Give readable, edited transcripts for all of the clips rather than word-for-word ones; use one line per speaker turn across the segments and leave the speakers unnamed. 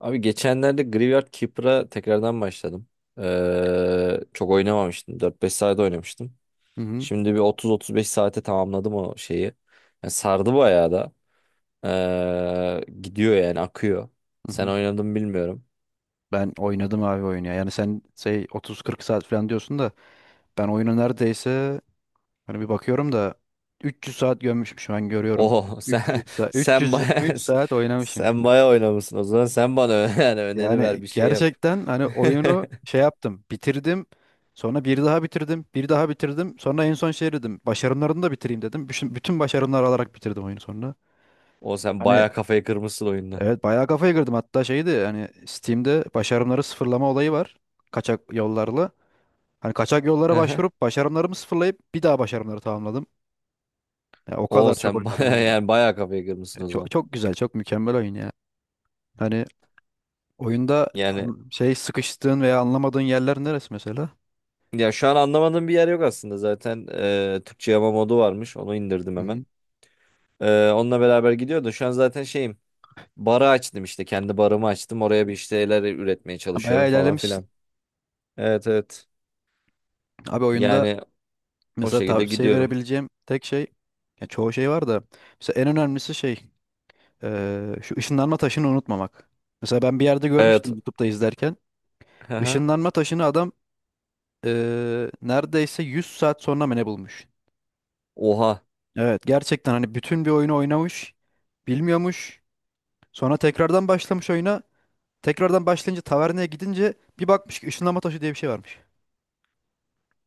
Abi geçenlerde Graveyard Keeper'a tekrardan başladım. Çok oynamamıştım. 4-5 saat oynamıştım.
Hı hı,
Şimdi bir 30-35 saate tamamladım o şeyi. Yani sardı bayağı da. Gidiyor yani akıyor.
hı
Sen
hı.
oynadın mı bilmiyorum.
Ben oynadım abi oyunu ya. Yani sen şey 30-40 saat falan diyorsun da ben oyunu neredeyse hani bir bakıyorum da 300 saat gömmüşüm şu an görüyorum.
Oho, sen
300 saat
sen baya
323 saat oynamışım.
sen baya oynamışsın. O zaman sen bana yani öneri ver
Yani
bir şey yap.
gerçekten hani oyunu şey yaptım, bitirdim. Sonra bir daha bitirdim, bir daha bitirdim. Sonra en son şey dedim, başarımlarını da bitireyim dedim. Bütün başarımlar alarak bitirdim oyunu sonra.
O sen
Hani
baya kafayı kırmışsın oyunda.
evet bayağı kafaya girdim. Hatta şeydi hani Steam'de başarımları sıfırlama olayı var. Kaçak yollarla. Hani kaçak yollara başvurup başarımlarımı sıfırlayıp bir daha başarımları tamamladım. Ya o
O
kadar çok
sen
oynadım
baya
oyunu.
yani baya kafayı
Ya
kırmışsın o
çok
zaman.
çok güzel, çok mükemmel oyun ya. Hani oyunda
Yani
şey sıkıştığın veya anlamadığın yerler neresi mesela?
Ya şu an anlamadığım bir yer yok aslında zaten, Türkçe yama modu varmış onu indirdim
Hı
hemen.
hı.
Onunla beraber gidiyordu şu an zaten şeyim, barı açtım, işte kendi barımı açtım, oraya bir işte şeyler üretmeye
Ha,
çalışıyorum
bayağı
falan
ilerlemişsin.
filan. Evet, evet,
Abi oyunda
yani o
mesela
şekilde
tavsiye
gidiyorum.
verebileceğim tek şey ya çoğu şey var da mesela en önemlisi şey şu ışınlanma taşını unutmamak. Mesela ben bir yerde
Evet.
görmüştüm YouTube'da izlerken.
Aha.
Işınlanma taşını adam neredeyse 100 saat sonra mı ne bulmuş?
Oha,
Evet gerçekten hani bütün bir oyunu oynamış, bilmiyormuş. Sonra tekrardan başlamış oyuna. Tekrardan başlayınca taverneye gidince bir bakmış ki ışınlama taşı diye bir şey varmış.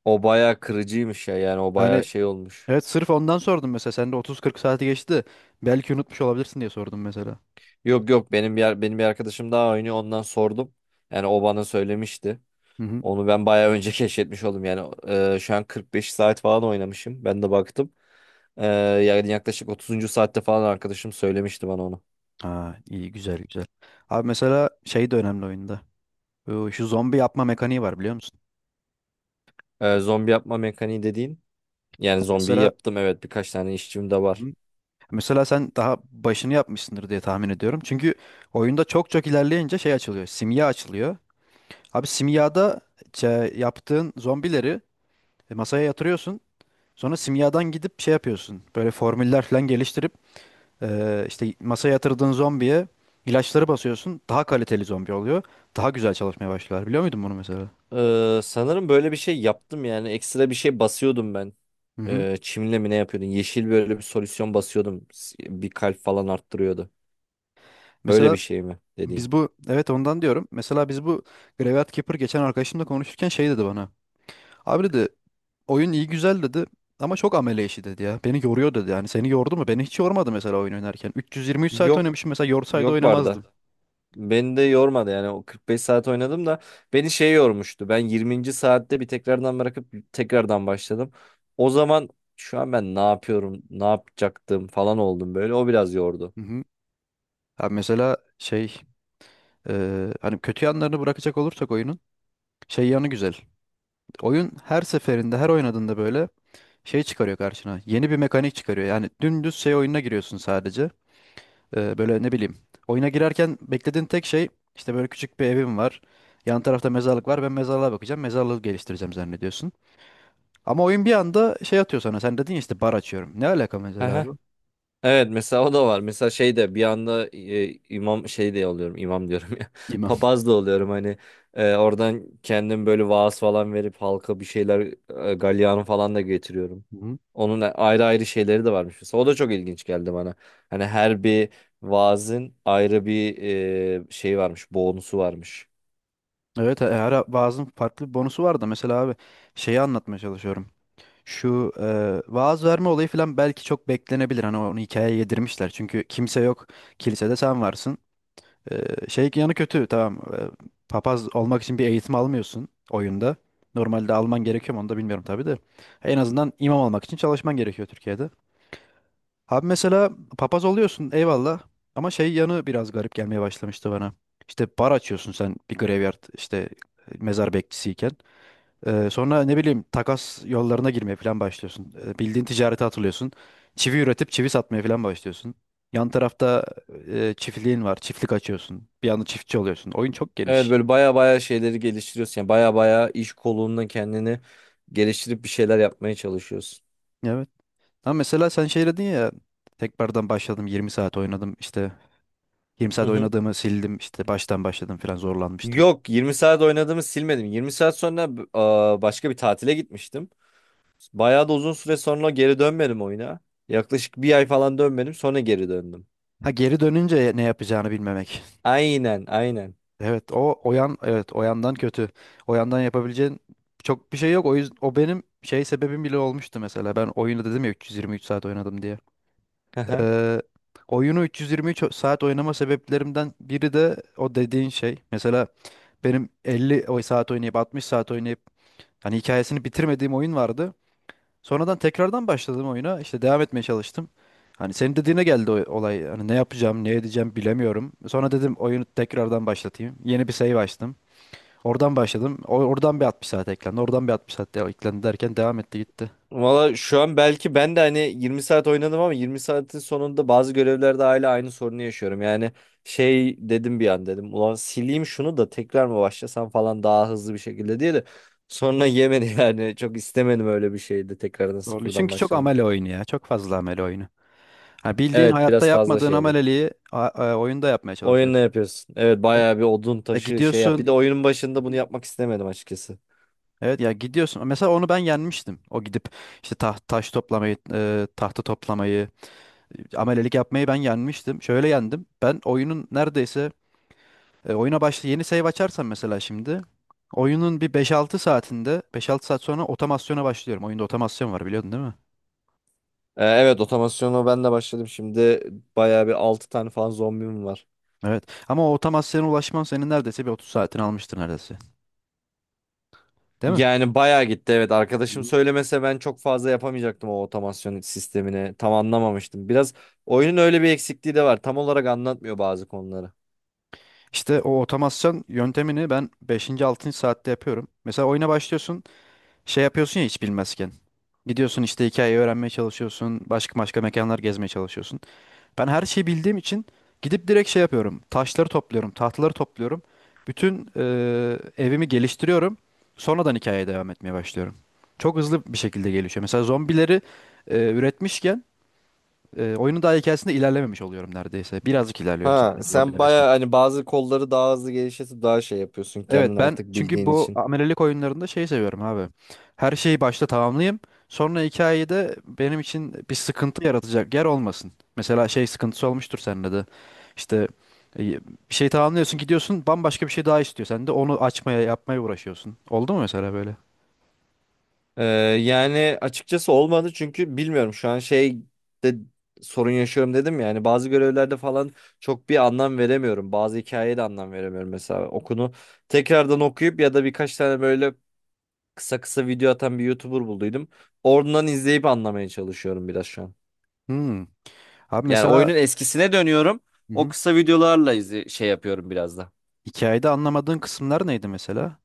o baya kırıcıymış ya, yani o baya
Hani,
şey olmuş.
evet sırf ondan sordum mesela. Sende 30-40 saati geçti. Belki unutmuş olabilirsin diye sordum mesela.
Yok, yok, benim bir arkadaşım daha oynuyor, ondan sordum, yani o bana söylemişti.
Hı hı.
Onu ben bayağı önce keşfetmiş oldum, yani şu an 45 saat falan oynamışım ben de baktım. Yani yaklaşık 30. saatte falan arkadaşım söylemişti bana onu.
Ha, iyi güzel güzel. Abi mesela şey de önemli oyunda. Şu zombi yapma mekaniği var biliyor musun?
Zombi yapma mekaniği dediğin. Yani zombiyi
Mesela,
yaptım, evet, birkaç tane işçim de
hı
var.
hı, mesela sen daha başını yapmışsındır diye tahmin ediyorum. Çünkü oyunda çok çok ilerleyince şey açılıyor. Simya açılıyor. Abi simyada yaptığın zombileri masaya yatırıyorsun. Sonra simyadan gidip şey yapıyorsun. Böyle formüller falan geliştirip işte masaya yatırdığın zombiye ilaçları basıyorsun. Daha kaliteli zombi oluyor. Daha güzel çalışmaya başlıyorlar. Biliyor muydun bunu mesela?
Sanırım böyle bir şey yaptım, yani ekstra bir şey basıyordum ben.
Hı hı.
Çimle mi ne yapıyordun? Yeşil böyle bir solüsyon basıyordum. Bir kalp falan arttırıyordu. Öyle
Mesela
bir şey mi dediğin?
biz bu evet ondan diyorum. Mesela biz bu Graveyard Keeper geçen arkadaşımla konuşurken şey dedi bana. Abi dedi, oyun iyi güzel dedi, ama çok amele işi dedi ya. Beni yoruyor dedi yani. Seni yordu mu? Beni hiç yormadı mesela oyun oynarken. 323 saat
Yok,
oynamışım mesela yorsaydı
yok, barda.
oynamazdım.
Beni de yormadı, yani o 45 saat oynadım da beni şey yormuştu. Ben 20. saatte bir tekrardan bırakıp tekrardan başladım. O zaman şu an ben ne yapıyorum, ne yapacaktım falan oldum böyle. O biraz yordu.
Hı hı. Ha mesela şey, hani kötü yanlarını bırakacak olursak oyunun şey yanı güzel. Oyun her seferinde her oynadığında böyle şey çıkarıyor karşına. Yeni bir mekanik çıkarıyor. Yani dümdüz şey oyununa giriyorsun sadece. Böyle ne bileyim. Oyuna girerken beklediğin tek şey işte böyle küçük bir evim var. Yan tarafta mezarlık var. Ben mezarlığa bakacağım. Mezarlığı geliştireceğim zannediyorsun. Ama oyun bir anda şey atıyor sana. Sen dedin ya işte bar açıyorum. Ne alaka mesela bu?
Evet, mesela o da var. Mesela şey de bir anda imam şey de oluyorum, imam diyorum ya,
İmam.
papaz da oluyorum hani, oradan kendim böyle vaaz falan verip halka bir şeyler, galyanı falan da getiriyorum.
Hı.
Onun ayrı ayrı şeyleri de varmış, mesela o da çok ilginç geldi bana. Hani her bir vaazın ayrı bir, şey varmış, bonusu varmış.
Evet, her vaazın farklı bir bonusu var da mesela abi şeyi anlatmaya çalışıyorum. Şu vaaz verme olayı falan belki çok beklenebilir. Hani onu hikayeye yedirmişler. Çünkü kimse yok. Kilisede sen varsın. Şey yanı kötü tamam. Papaz olmak için bir eğitim almıyorsun oyunda. Normalde alman gerekiyor mu onu da bilmiyorum tabii de. En azından imam olmak için çalışman gerekiyor Türkiye'de. Abi mesela papaz oluyorsun eyvallah. Ama şey yanı biraz garip gelmeye başlamıştı bana. İşte bar açıyorsun sen bir graveyard işte mezar bekçisiyken. Sonra ne bileyim takas yollarına girmeye falan başlıyorsun. Bildiğin ticarete atılıyorsun. Çivi üretip çivi satmaya falan başlıyorsun. Yan tarafta çiftliğin var. Çiftlik açıyorsun. Bir anda çiftçi oluyorsun. Oyun çok
Evet,
geniş.
böyle baya baya şeyleri geliştiriyorsun, yani baya baya iş kolunda kendini geliştirip bir şeyler yapmaya çalışıyorsun.
Evet. Ama mesela sen şey dedin ya, tekrardan başladım 20 saat oynadım işte, 20
Hı
saat
hı.
oynadığımı sildim işte baştan başladım falan zorlanmıştım.
Yok, 20 saat oynadığımı silmedim. 20 saat sonra başka bir tatile gitmiştim. Bayağı da uzun süre sonra geri dönmedim oyuna. Yaklaşık bir ay falan dönmedim, sonra geri döndüm.
Ha, geri dönünce ne yapacağını bilmemek.
Aynen, aynen.
Evet o yan, evet o yandan kötü. O yandan yapabileceğin çok bir şey yok. O yüzden o benim şey sebebim bile olmuştu mesela. Ben oyunu dedim ya 323 saat oynadım diye. Ee, Oyunu 323 saat oynama sebeplerimden biri de o dediğin şey. Mesela benim 50 saat oynayıp 60 saat oynayıp hani hikayesini bitirmediğim oyun vardı. Sonradan tekrardan başladım oyuna. İşte devam etmeye çalıştım. Hani senin dediğine geldi o olay. Hani ne yapacağım, ne edeceğim bilemiyorum. Sonra dedim oyunu tekrardan başlatayım. Yeni bir save açtım. Oradan başladım. Oradan bir 60 saat eklendi. Oradan bir 60 saat eklendi derken devam etti gitti.
Valla şu an belki ben de hani 20 saat oynadım ama 20 saatin sonunda bazı görevlerde hala aynı sorunu yaşıyorum. Yani şey dedim bir an, dedim ulan sileyim şunu da tekrar mı başlasam falan daha hızlı bir şekilde diye de, sonra yemedi, yani çok istemedim, öyle bir şeydi tekrardan
Doğru.
sıfırdan
Çünkü çok
başlamak.
amele oyunu ya. Çok fazla amele oyunu. Ha, bildiğin
Evet,
hayatta
biraz fazla
yapmadığın
şey oluyor.
ameleliği oyunda yapmaya
Oyun ne
çalışıyorsun.
yapıyorsun? Evet,
E,
bayağı bir odun taşı şey yap.
Gidiyorsun.
Bir de oyunun başında
Hı
bunu
hı.
yapmak istemedim açıkçası.
Evet ya gidiyorsun. Mesela onu ben yenmiştim. O gidip işte taş toplamayı, tahta toplamayı, amelelik yapmayı ben yenmiştim. Şöyle yendim. Ben oyunun neredeyse, oyuna başla yeni save açarsam mesela şimdi oyunun bir beş altı saatinde beş altı saat sonra otomasyona başlıyorum. Oyunda otomasyon var biliyordun değil mi?
Evet, otomasyonu ben de başladım. Şimdi bayağı bir 6 tane falan zombim var.
Evet. Ama o otomasyona ulaşman senin neredeyse bir 30 saatini almıştır neredeyse. Değil mi?
Yani bayağı gitti, evet.
Hı
Arkadaşım
hı.
söylemese ben çok fazla yapamayacaktım o otomasyon sistemini. Tam anlamamıştım. Biraz oyunun öyle bir eksikliği de var. Tam olarak anlatmıyor bazı konuları.
İşte o otomasyon yöntemini ben beşinci 6. saatte yapıyorum. Mesela oyuna başlıyorsun, şey yapıyorsun ya hiç bilmezken. Gidiyorsun işte hikayeyi öğrenmeye çalışıyorsun, başka başka mekanlar gezmeye çalışıyorsun. Ben her şeyi bildiğim için gidip direkt şey yapıyorum. Taşları topluyorum, tahtaları topluyorum. Bütün evimi geliştiriyorum. Sonradan hikayeye devam etmeye başlıyorum. Çok hızlı bir şekilde gelişiyor. Mesela zombileri üretmişken oyunun daha hikayesinde ilerlememiş oluyorum neredeyse. Birazcık ilerliyorum
Ha,
sadece
sen
zombiler.
bayağı hani bazı kolları daha hızlı geliştirip daha şey yapıyorsun
Evet
kendin
ben
artık
çünkü
bildiğin
bu
için.
amelelik oyunlarında şeyi seviyorum abi. Her şeyi başta tamamlayayım. Sonra hikayede benim için bir sıkıntı yaratacak yer olmasın. Mesela şey sıkıntısı olmuştur sende de. İşte e, bir şey tamamlıyorsun gidiyorsun bambaşka bir şey daha istiyor. Sen de onu açmaya yapmaya uğraşıyorsun. Oldu mu mesela böyle?
Ee, yani açıkçası olmadı çünkü bilmiyorum şu an şey de sorun yaşıyorum dedim ya. Yani bazı görevlerde falan çok bir anlam veremiyorum. Bazı hikayeye de anlam veremiyorum mesela. Okunu tekrardan okuyup ya da birkaç tane böyle kısa kısa video atan bir YouTuber bulduydum. Oradan izleyip anlamaya çalışıyorum biraz şu an.
Hmm. Abi
Yani
mesela,
oyunun eskisine dönüyorum.
hı
O
hı,
kısa videolarla izle şey yapıyorum biraz da.
hikayede anlamadığın kısımlar neydi mesela?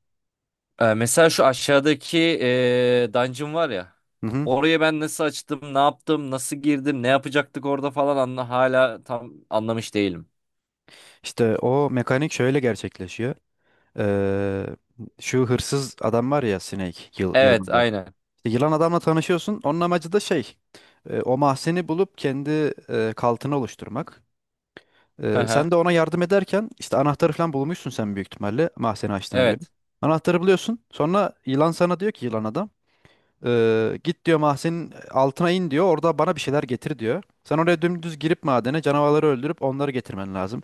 Mesela şu aşağıdaki dungeon var ya.
Hı hı.
Orayı ben nasıl açtım, ne yaptım, nasıl girdim, ne yapacaktık orada falan, hala tam anlamış değilim.
İşte o mekanik şöyle gerçekleşiyor. Ee, Şu hırsız adam var ya Snake,
Evet,
yılan.
aynen.
İşte yılan adamla tanışıyorsun. Onun amacı da şey, o mahzeni bulup kendi kaltını oluşturmak.
Hı hı.
Sen de ona yardım ederken işte anahtarı falan bulmuşsun sen büyük ihtimalle mahzeni açtığına göre.
Evet.
Anahtarı buluyorsun. Sonra yılan sana diyor ki yılan adam, git diyor mahzenin altına in diyor. Orada bana bir şeyler getir diyor. Sen oraya dümdüz girip madene canavarları öldürüp onları getirmen lazım.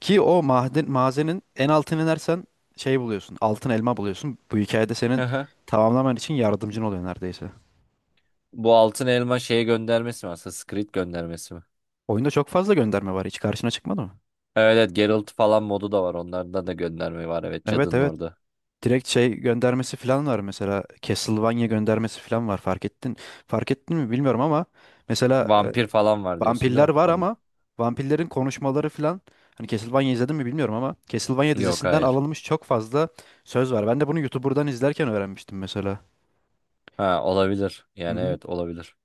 Ki o maden, mazenin en altına inersen şey buluyorsun. Altın elma buluyorsun. Bu hikayede
Hı
senin
hı.
tamamlaman için yardımcın oluyor neredeyse.
Bu altın elma şeye göndermesi mi aslında? Squid göndermesi mi?
Oyunda çok fazla gönderme var. Hiç karşına çıkmadı mı?
Evet, evet, Geralt falan modu da var. Onlardan da gönderme var. Evet,
Evet,
cadının
evet.
orada.
Direkt şey göndermesi falan var mesela. Castlevania göndermesi falan var. Fark ettin. Fark ettin mi bilmiyorum ama mesela
Vampir falan var diyorsun değil
vampirler
mi?
var
Onun...
ama vampirlerin konuşmaları falan hani Castlevania izledin mi bilmiyorum ama Castlevania
Yok,
dizisinden
hayır.
alınmış çok fazla söz var. Ben de bunu YouTuber'dan izlerken öğrenmiştim mesela.
Ha, olabilir.
Hı
Yani
hı.
evet, olabilir.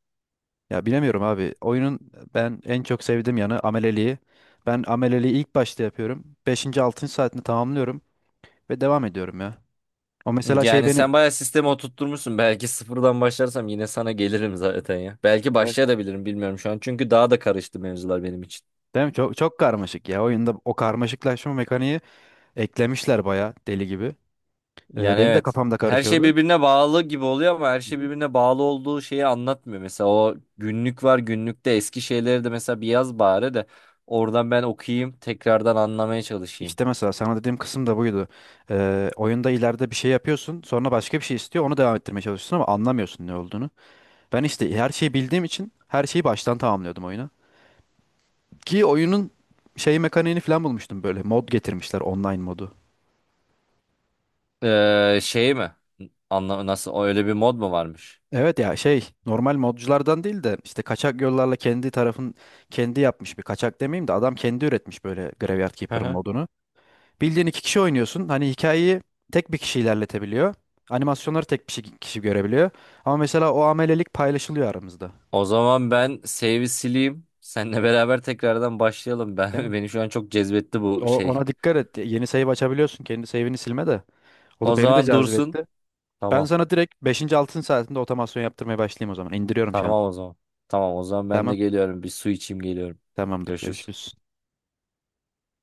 Ya bilemiyorum abi. Oyunun ben en çok sevdiğim yanı ameleliği. Ben ameleliği ilk başta yapıyorum. Beşinci altıncı saatini tamamlıyorum ve devam ediyorum ya. O mesela şey
Yani
beni...
sen bayağı sistemi oturtturmuşsun. Belki sıfırdan başlarsam yine sana gelirim zaten ya. Belki
Evet.
başlayabilirim, bilmiyorum şu an. Çünkü daha da karıştı mevzular benim için.
Değil mi? Çok çok karmaşık ya. Oyunda o karmaşıklaşma mekaniği eklemişler bayağı deli gibi.
Yani
Benim de
evet.
kafamda
Her şey
karışıyordu.
birbirine bağlı gibi oluyor ama her
Hı
şey
hı.
birbirine bağlı olduğu şeyi anlatmıyor. Mesela o günlük var, günlükte eski şeyleri de mesela bir yaz bari de oradan ben okuyayım, tekrardan anlamaya çalışayım.
İşte mesela sana dediğim kısım da buydu. Oyunda ileride bir şey yapıyorsun, sonra başka bir şey istiyor, onu devam ettirmeye çalışıyorsun ama anlamıyorsun ne olduğunu. Ben işte her şeyi bildiğim için her şeyi baştan tamamlıyordum oyuna. Ki oyunun şey mekaniğini falan bulmuştum böyle. Mod getirmişler, online modu.
Şey mi? Nasıl öyle bir mod mu varmış?
Evet ya şey normal modculardan değil de işte kaçak yollarla kendi tarafın kendi yapmış bir kaçak demeyeyim de adam kendi üretmiş böyle Graveyard Keeper modunu. Bildiğin iki kişi oynuyorsun. Hani hikayeyi tek bir kişi ilerletebiliyor. Animasyonları tek bir kişi görebiliyor. Ama mesela o amelelik paylaşılıyor aramızda.
O zaman ben save'i sileyim. Seninle beraber tekrardan başlayalım.
Değil mi?
Ben beni şu an çok cezbetti bu şey.
Ona dikkat et. Yeni save açabiliyorsun. Kendi save'ini silme de. O
O
da beni de
zaman dursun.
cazibetti. Ben
Tamam.
sana direkt beşinci 6. saatinde otomasyon yaptırmaya başlayayım o zaman. İndiriyorum şu an.
Tamam o zaman. Tamam o zaman ben
Tamam.
de geliyorum. Bir su içeyim, geliyorum.
Tamamdır.
Görüşürüz.
Görüşürüz.